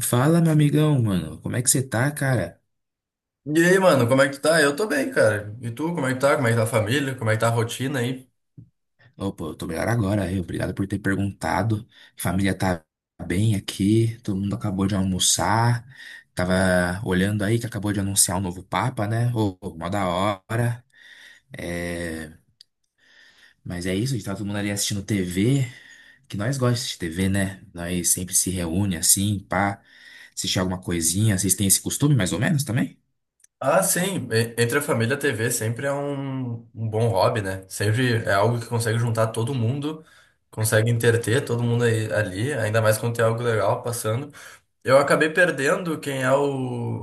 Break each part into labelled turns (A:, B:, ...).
A: Fala, meu amigão, mano. Como é que você tá, cara?
B: E aí, mano, como é que tu tá? Eu tô bem, cara. E tu, como é que tá? Como é que tá a família? Como é que tá a rotina aí?
A: Ô, pô, eu tô melhor agora. Aí. Obrigado por ter perguntado. Família tá bem aqui. Todo mundo acabou de almoçar. Tava olhando aí que acabou de anunciar o novo Papa, né? Mó da hora. É... Mas é isso, a gente tá todo mundo ali assistindo TV. Que nós gostamos de TV, né? Nós sempre se reúne assim, pá. Assistir alguma coisinha. Vocês têm esse costume, mais ou menos, também?
B: Ah, sim, entre a família, a TV sempre é um bom hobby, né? Sempre é algo que consegue juntar todo mundo, consegue interter todo mundo aí, ali, ainda mais quando tem algo legal passando. Eu acabei perdendo quem é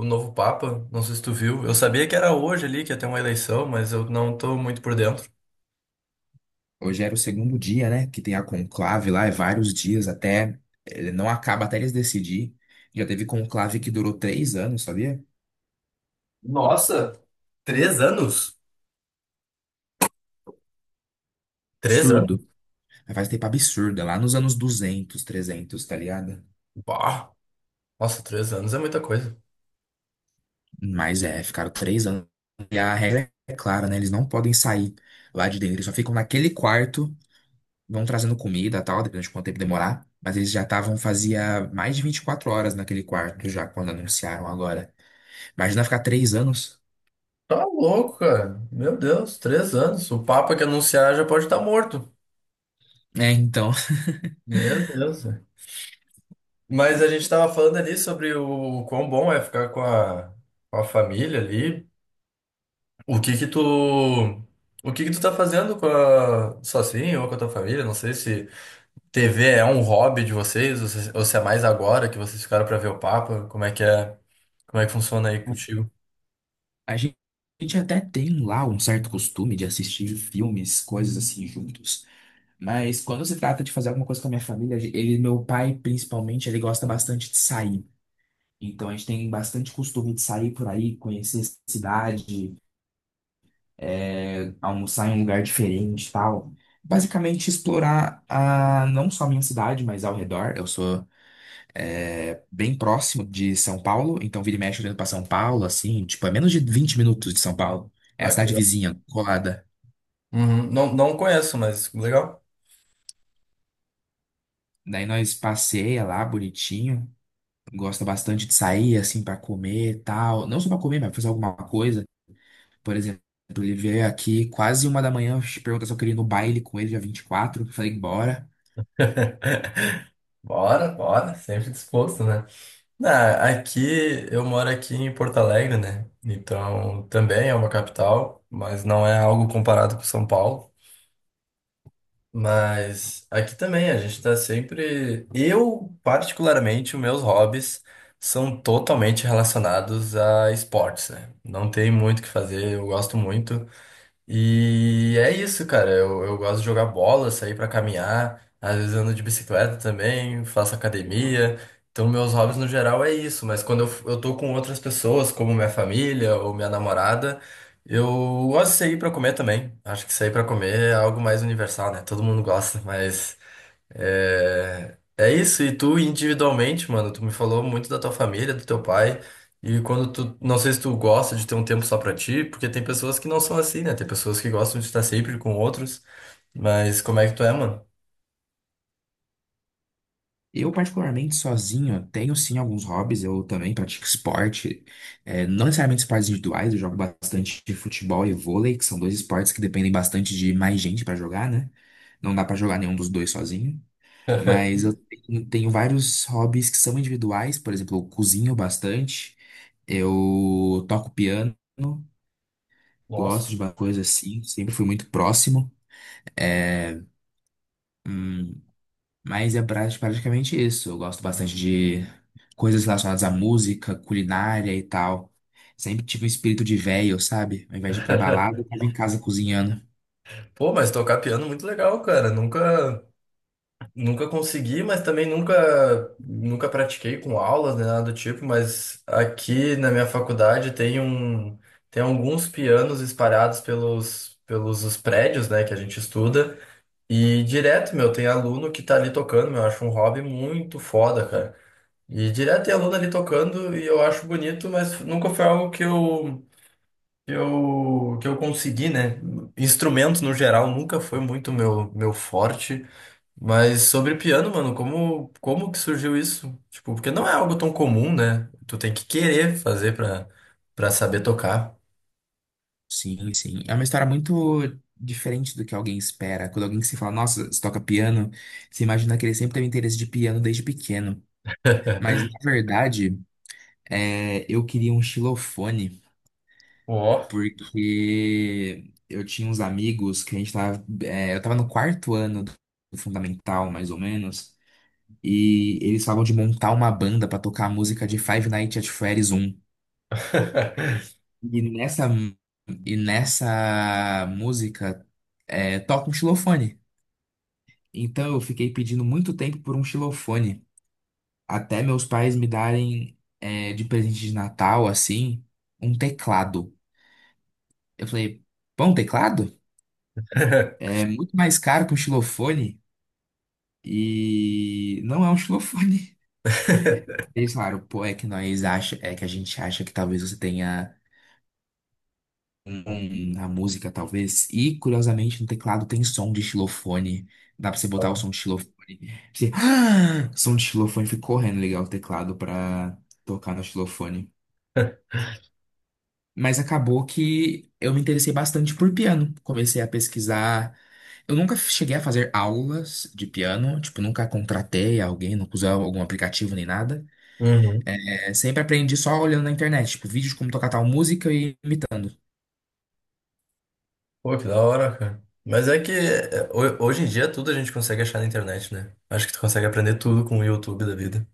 B: o novo Papa, não sei se tu viu. Eu sabia que era hoje ali que ia ter uma eleição, mas eu não tô muito por dentro.
A: Hoje era o segundo dia, né? Que tem a conclave lá, é vários dias até. Ele não acaba até eles decidir. Já teve conclave que durou três anos, sabia?
B: Nossa, três anos? Três
A: Absurdo.
B: anos?
A: Mas faz tempo absurdo, é lá nos anos 200, 300, tá ligado?
B: Bah, nossa, três anos é muita coisa.
A: Mas é, ficaram três anos. E a regra é clara, né? Eles não podem sair lá de dentro. Eles só ficam naquele quarto, vão trazendo comida e tal, dependendo de quanto tempo demorar. Mas eles já estavam, fazia mais de 24 horas naquele quarto já, quando anunciaram agora. Imagina ficar três anos.
B: Tá louco, cara. Meu Deus, três anos. O Papa que anunciar já pode estar morto.
A: É, então.
B: Meu Deus, velho. Mas a gente tava falando ali sobre o quão bom é ficar com com a família ali. O que que tu, o que que tu tá fazendo com a, sozinho ou com a tua família? Não sei se TV é um hobby de vocês ou se é mais agora que vocês ficaram pra ver o Papa. Como é que funciona aí contigo?
A: A gen- a gente até tem lá um certo costume de assistir filmes, coisas assim juntos. Mas quando se trata de fazer alguma coisa com a minha família, ele, meu pai principalmente, ele gosta bastante de sair. Então a gente tem bastante costume de sair por aí, conhecer a cidade, almoçar em um lugar diferente, e tal. Basicamente explorar a, não só a minha cidade, mas ao redor. Eu sou bem próximo de São Paulo, então vira e mexe olhando pra São Paulo, assim, tipo, é menos de 20 minutos de São Paulo. É a
B: Ah, que
A: cidade
B: legal.
A: vizinha, colada.
B: Uhum. Não, não conheço, mas legal.
A: Daí nós passeia lá, bonitinho. Gosta bastante de sair, assim, pra comer e tal. Não só pra comer, mas pra fazer alguma coisa. Por exemplo, ele veio aqui quase uma da manhã, pergunta se eu queria ir no baile com ele, dia 24, falei, bora.
B: Bora, bora. Sempre disposto, né? Ah, aqui eu moro aqui em Porto Alegre, né? Então também é uma capital, mas não é algo comparado com São Paulo. Mas aqui também a gente tá sempre. Eu, particularmente, os meus hobbies são totalmente relacionados a esportes, né? Não tem muito o que fazer, eu gosto muito. E é isso, cara. Eu gosto de jogar bola, sair pra caminhar, às vezes ando de bicicleta também, faço academia. Então, meus hobbies no geral é isso, mas quando eu tô com outras pessoas, como minha família ou minha namorada, eu gosto de sair pra comer também. Acho que sair pra comer é algo mais universal, né? Todo mundo gosta, mas é isso, e tu individualmente, mano, tu me falou muito da tua família, do teu pai, e quando não sei se tu gosta de ter um tempo só pra ti, porque tem pessoas que não são assim, né? Tem pessoas que gostam de estar sempre com outros, mas como é que tu é, mano?
A: Eu, particularmente, sozinho, tenho sim alguns hobbies. Eu também pratico esporte, não necessariamente esportes individuais. Eu jogo bastante de futebol e vôlei, que são dois esportes que dependem bastante de mais gente pra jogar, né? Não dá pra jogar nenhum dos dois sozinho. Mas eu tenho vários hobbies que são individuais. Por exemplo, eu cozinho bastante, eu toco piano,
B: Nossa.
A: gosto de uma coisa assim, sempre fui muito próximo. É, hum, Praticamente isso. Eu gosto bastante de coisas relacionadas à música, culinária e tal. Sempre tive um espírito de véio, sabe? Ao invés de ir pra balada, eu tava em casa cozinhando.
B: Pô, mas tocar piano é muito legal, cara. Nunca. Nunca consegui, mas também nunca pratiquei com aulas nem nada do tipo, mas aqui na minha faculdade tem tem alguns pianos espalhados pelos, pelos os prédios, né, que a gente estuda, e direto, meu, tem aluno que tá ali tocando, meu, eu acho um hobby muito foda, cara. E direto tem aluno ali tocando e eu acho bonito, mas nunca foi algo que que eu consegui, né? Instrumento no geral nunca foi muito meu forte. Mas sobre piano, mano, como que surgiu isso? Tipo, porque não é algo tão comum, né? Tu tem que querer fazer pra saber tocar.
A: Sim, sim. É uma história muito diferente do que alguém espera. Quando alguém se fala, nossa, você toca piano, você imagina que ele sempre teve interesse de piano desde pequeno. Mas, na verdade, eu queria um xilofone.
B: Ó.
A: Porque eu tinha uns amigos que a gente tava. Eu tava no quarto ano do fundamental, mais ou menos. E eles falavam de montar uma banda pra tocar a música de Five Nights at Freddy's um E nessa, e nessa música toca um xilofone. Então eu fiquei pedindo muito tempo por um xilofone. Até meus pais me darem de presente de Natal, assim, um teclado. Eu falei, pão, teclado? É muito mais caro que um xilofone. E não é um xilofone. Eles falaram, pô, é que a gente acha que talvez você tenha um na música, talvez. E curiosamente no teclado tem som de xilofone. Dá pra você botar o som de xilofone. Você, ah, som de xilofone, fui correndo ligar o teclado pra tocar no xilofone. Mas acabou que eu me interessei bastante por piano. Comecei a pesquisar. Eu nunca cheguei a fazer aulas de piano, tipo, nunca contratei alguém, nunca usei algum aplicativo nem nada.
B: Uhum.
A: Sempre aprendi só olhando na internet, tipo, vídeos de como tocar tal música e imitando.
B: Pô, que da hora, cara. Mas é que é, hoje em dia tudo a gente consegue achar na internet, né? Acho que tu consegue aprender tudo com o YouTube da vida.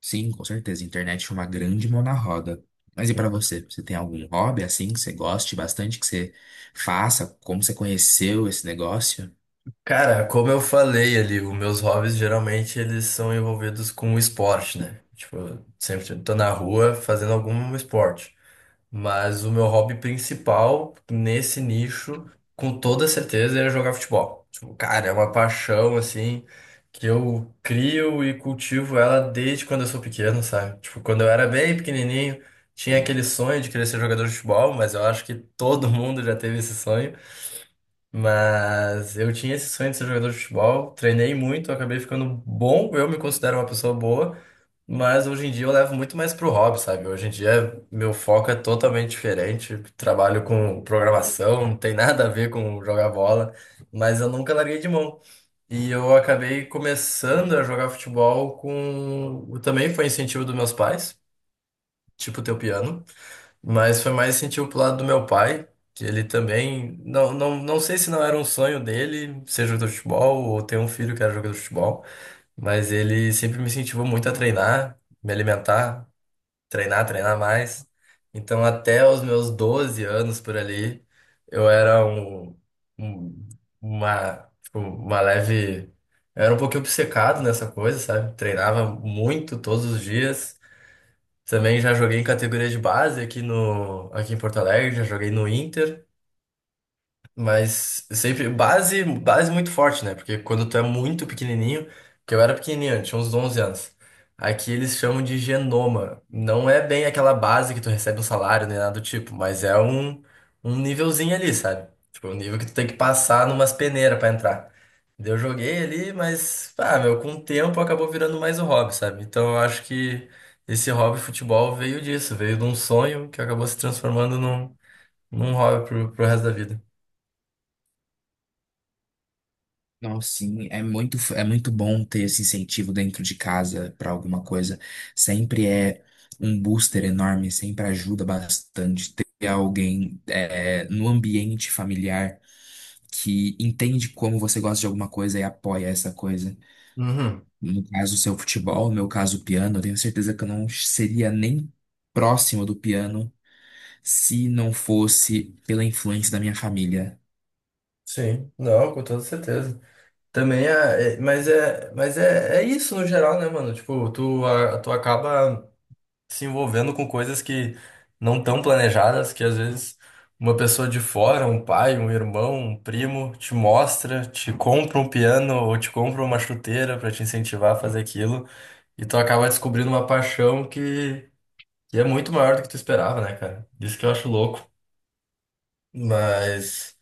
A: Sim, com certeza, internet é uma grande mão na roda. Mas e pra você? Você tem algum hobby assim que você goste bastante, que você faça? Como você conheceu esse negócio?
B: Cara, como eu falei ali, os meus hobbies geralmente eles são envolvidos com o esporte, né? Tipo, eu sempre tô na rua fazendo algum esporte. Mas o meu hobby principal nesse nicho, com toda certeza, era jogar futebol. Tipo, cara, é uma paixão, assim, que eu crio e cultivo ela desde quando eu sou pequeno, sabe? Tipo, quando eu era bem pequenininho, tinha aquele sonho de querer ser jogador de futebol, mas eu acho que todo mundo já teve esse sonho. Mas eu tinha esse sonho de ser jogador de futebol, treinei muito, acabei ficando bom, eu me considero uma pessoa boa. Mas hoje em dia eu levo muito mais pro hobby, sabe? Hoje em dia meu foco é totalmente diferente. Trabalho com programação, não tem nada a ver com jogar bola, mas eu nunca larguei de mão. E eu acabei começando a jogar futebol com. Também foi incentivo dos meus pais, tipo teu piano, mas foi mais incentivo pro lado do meu pai, que ele também. Não sei se não era um sonho dele ser jogador de futebol ou ter um filho que era jogador de futebol, mas ele sempre me incentivou muito a treinar, me alimentar treinar, treinar mais. Então, até os meus 12 anos por ali, eu era um- tipo, uma leve. Eu era um pouquinho obcecado nessa coisa, sabe? Treinava muito todos os dias. Também já joguei em categoria de base aqui no, aqui em Porto Alegre, já joguei no Inter. Mas sempre base, base muito forte, né? Porque quando tu é muito pequenininho, que eu era pequenininho, eu tinha uns 11 anos. Aqui eles chamam de genoma. Não é bem aquela base que tu recebe um salário nem nada do tipo, mas é um nívelzinho ali, sabe? Tipo, um nível que tu tem que passar numas peneiras pra entrar. Daí eu joguei ali, mas, ah, meu, com o tempo acabou virando mais um hobby, sabe? Então eu acho que esse hobby futebol veio disso, veio de um sonho que acabou se transformando num hobby pro resto da vida.
A: Não, sim, é muito bom ter esse incentivo dentro de casa para alguma coisa. Sempre é um booster enorme, sempre ajuda bastante ter alguém no ambiente familiar que entende como você gosta de alguma coisa e apoia essa coisa.
B: Uhum.
A: No caso, o seu futebol, no meu caso, o piano, eu tenho certeza que eu não seria nem próximo do piano se não fosse pela influência da minha família.
B: Sim, não, com toda certeza. Também é isso no geral, né, mano? Tipo, tu acaba se envolvendo com coisas que não tão planejadas, que às vezes uma pessoa de fora, um pai, um irmão, um primo, te mostra, te compra um piano ou te compra uma chuteira pra te incentivar a fazer aquilo, e tu acaba descobrindo uma paixão que é muito maior do que tu esperava, né, cara? Isso que eu acho louco. Mas.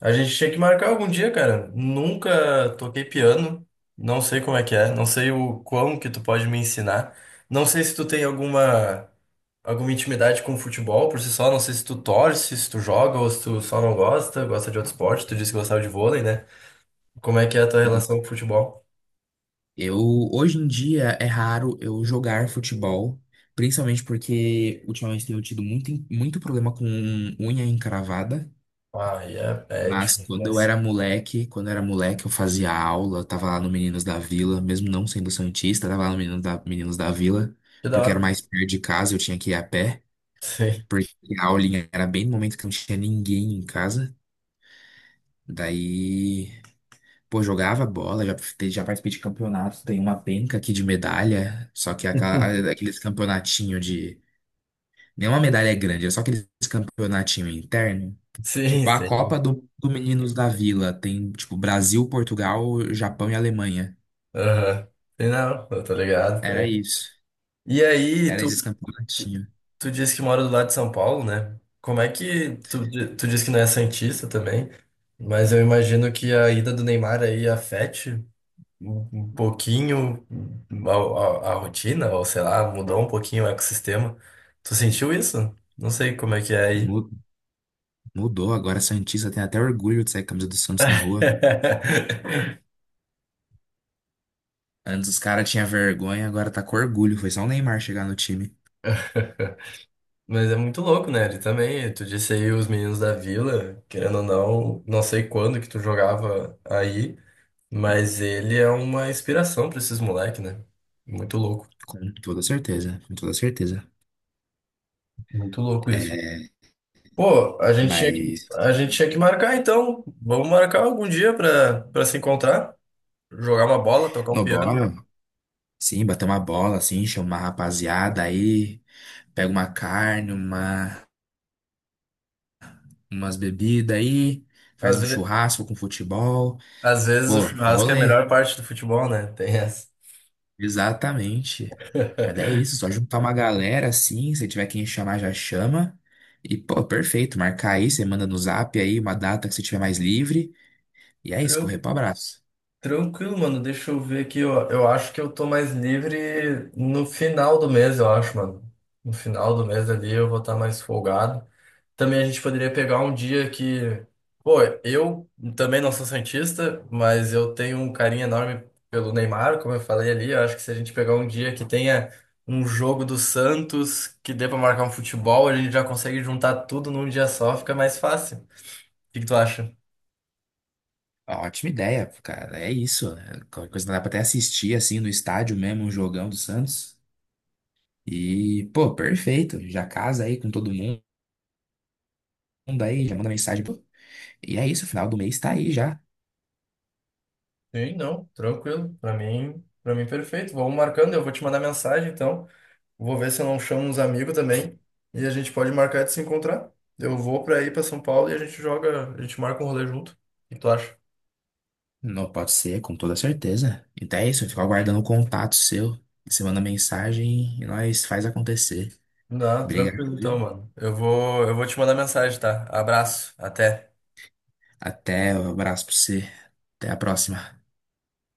B: A gente tinha que marcar algum dia, cara. Nunca toquei piano. Não sei como é que é. Não sei o quão que tu pode me ensinar. Não sei se tu tem alguma intimidade com futebol por si só. Não sei se tu torce, se tu joga ou se tu só não gosta, gosta de outro esporte. Tu disse que gostava de vôlei, né? Como é que é a tua relação com futebol?
A: Eu, hoje em dia, é raro eu jogar futebol, principalmente porque ultimamente tenho tido muito, muito problema com unha encravada.
B: Ah, e é, é
A: Mas
B: difícil,
A: quando eu
B: mas
A: era moleque, eu fazia aula, eu tava lá no Meninos da Vila, mesmo não sendo santista, eu tava lá no Meninos da Vila,
B: que da
A: porque
B: hora.
A: era mais perto de casa, eu tinha que ir a pé.
B: Sim.
A: Porque a aulinha era bem no momento que não tinha ninguém em casa. Daí, pô, jogava bola, já participei de campeonatos, tem uma penca aqui de medalha, só que aquela- aqueles campeonatinho de. Nenhuma medalha é grande, é só aqueles campeonatinho interno.
B: Sim,
A: Tipo, a
B: sim.
A: Copa do Meninos da Vila tem, tipo, Brasil, Portugal, Japão e Alemanha.
B: Aham. Sim, não, eu tô ligado, tô
A: Era
B: ligado.
A: isso.
B: E aí,
A: Era
B: tu
A: esses
B: Tu,
A: campeonatinhos.
B: tu disse que mora do lado de São Paulo, né? Como é que tu disse que não é santista também, mas eu imagino que a ida do Neymar aí afete um pouquinho a, a rotina, ou sei lá, mudou um pouquinho o ecossistema. Tu sentiu isso? Não sei como é que é aí.
A: Mu- Mudou agora, santista tem até orgulho de sair com a camisa do Santos na rua. Antes os caras tinham vergonha, agora tá com orgulho. Foi só o Neymar chegar no time.
B: Mas é muito louco, né? Ele também, tu disse aí os meninos da Vila, querendo ou não, não sei quando que tu jogava aí. Mas ele é uma inspiração pra esses moleques, né? Muito louco,
A: Com toda certeza, com toda certeza.
B: muito louco isso.
A: É,
B: Pô,
A: mas
B: a gente tinha que marcar então. Vamos marcar algum dia pra se encontrar, jogar uma bola, tocar um
A: no
B: piano.
A: bola, sim, bater uma bola, assim, chamar a rapaziada aí, pega uma carne, umas bebidas aí, faz
B: Às,
A: um
B: ve-
A: churrasco com futebol.
B: às vezes o
A: Pô,
B: churrasco é a
A: rolê.
B: melhor parte do futebol, né? Tem essa.
A: Exatamente. Mas é isso, só juntar uma galera assim, se tiver quem chamar, já chama. E, pô, perfeito, marcar aí, você manda no zap aí uma data que você tiver mais livre. E é isso, correr
B: Tran-
A: pro abraço.
B: Tranquilo, mano. Deixa eu ver aqui, ó. Eu acho que eu tô mais livre no final do mês, eu acho, mano. No final do mês ali eu vou estar mais folgado. Também a gente poderia pegar um dia pô, eu também não sou santista, mas eu tenho um carinho enorme pelo Neymar, como eu falei ali. Eu acho que se a gente pegar um dia que tenha um jogo do Santos que dê pra marcar um futebol, a gente já consegue juntar tudo num dia só, fica mais fácil. O que que tu acha?
A: Ótima ideia, cara. É isso. né? Qualquer coisa dá pra até assistir assim no estádio mesmo, um jogão do Santos. E, pô, perfeito. Já casa aí com todo mundo aí, já manda mensagem. Pô. E é isso, final do mês tá aí já.
B: Sim, não, tranquilo. Para mim perfeito. Vamos marcando, eu vou te mandar mensagem então. Vou ver se eu não chamo uns amigos também. E a gente pode marcar de se encontrar. Eu vou pra ir pra São Paulo e a gente joga, a gente marca um rolê junto. O que tu acha?
A: Não pode ser, com toda certeza. Então é isso, eu fico aguardando o contato seu. Você manda mensagem e nós faz acontecer.
B: Não,
A: Obrigado,
B: tranquilo então,
A: viu?
B: mano. Eu vou te mandar mensagem, tá? Abraço, até.
A: Até, um abraço pra você. Até a próxima.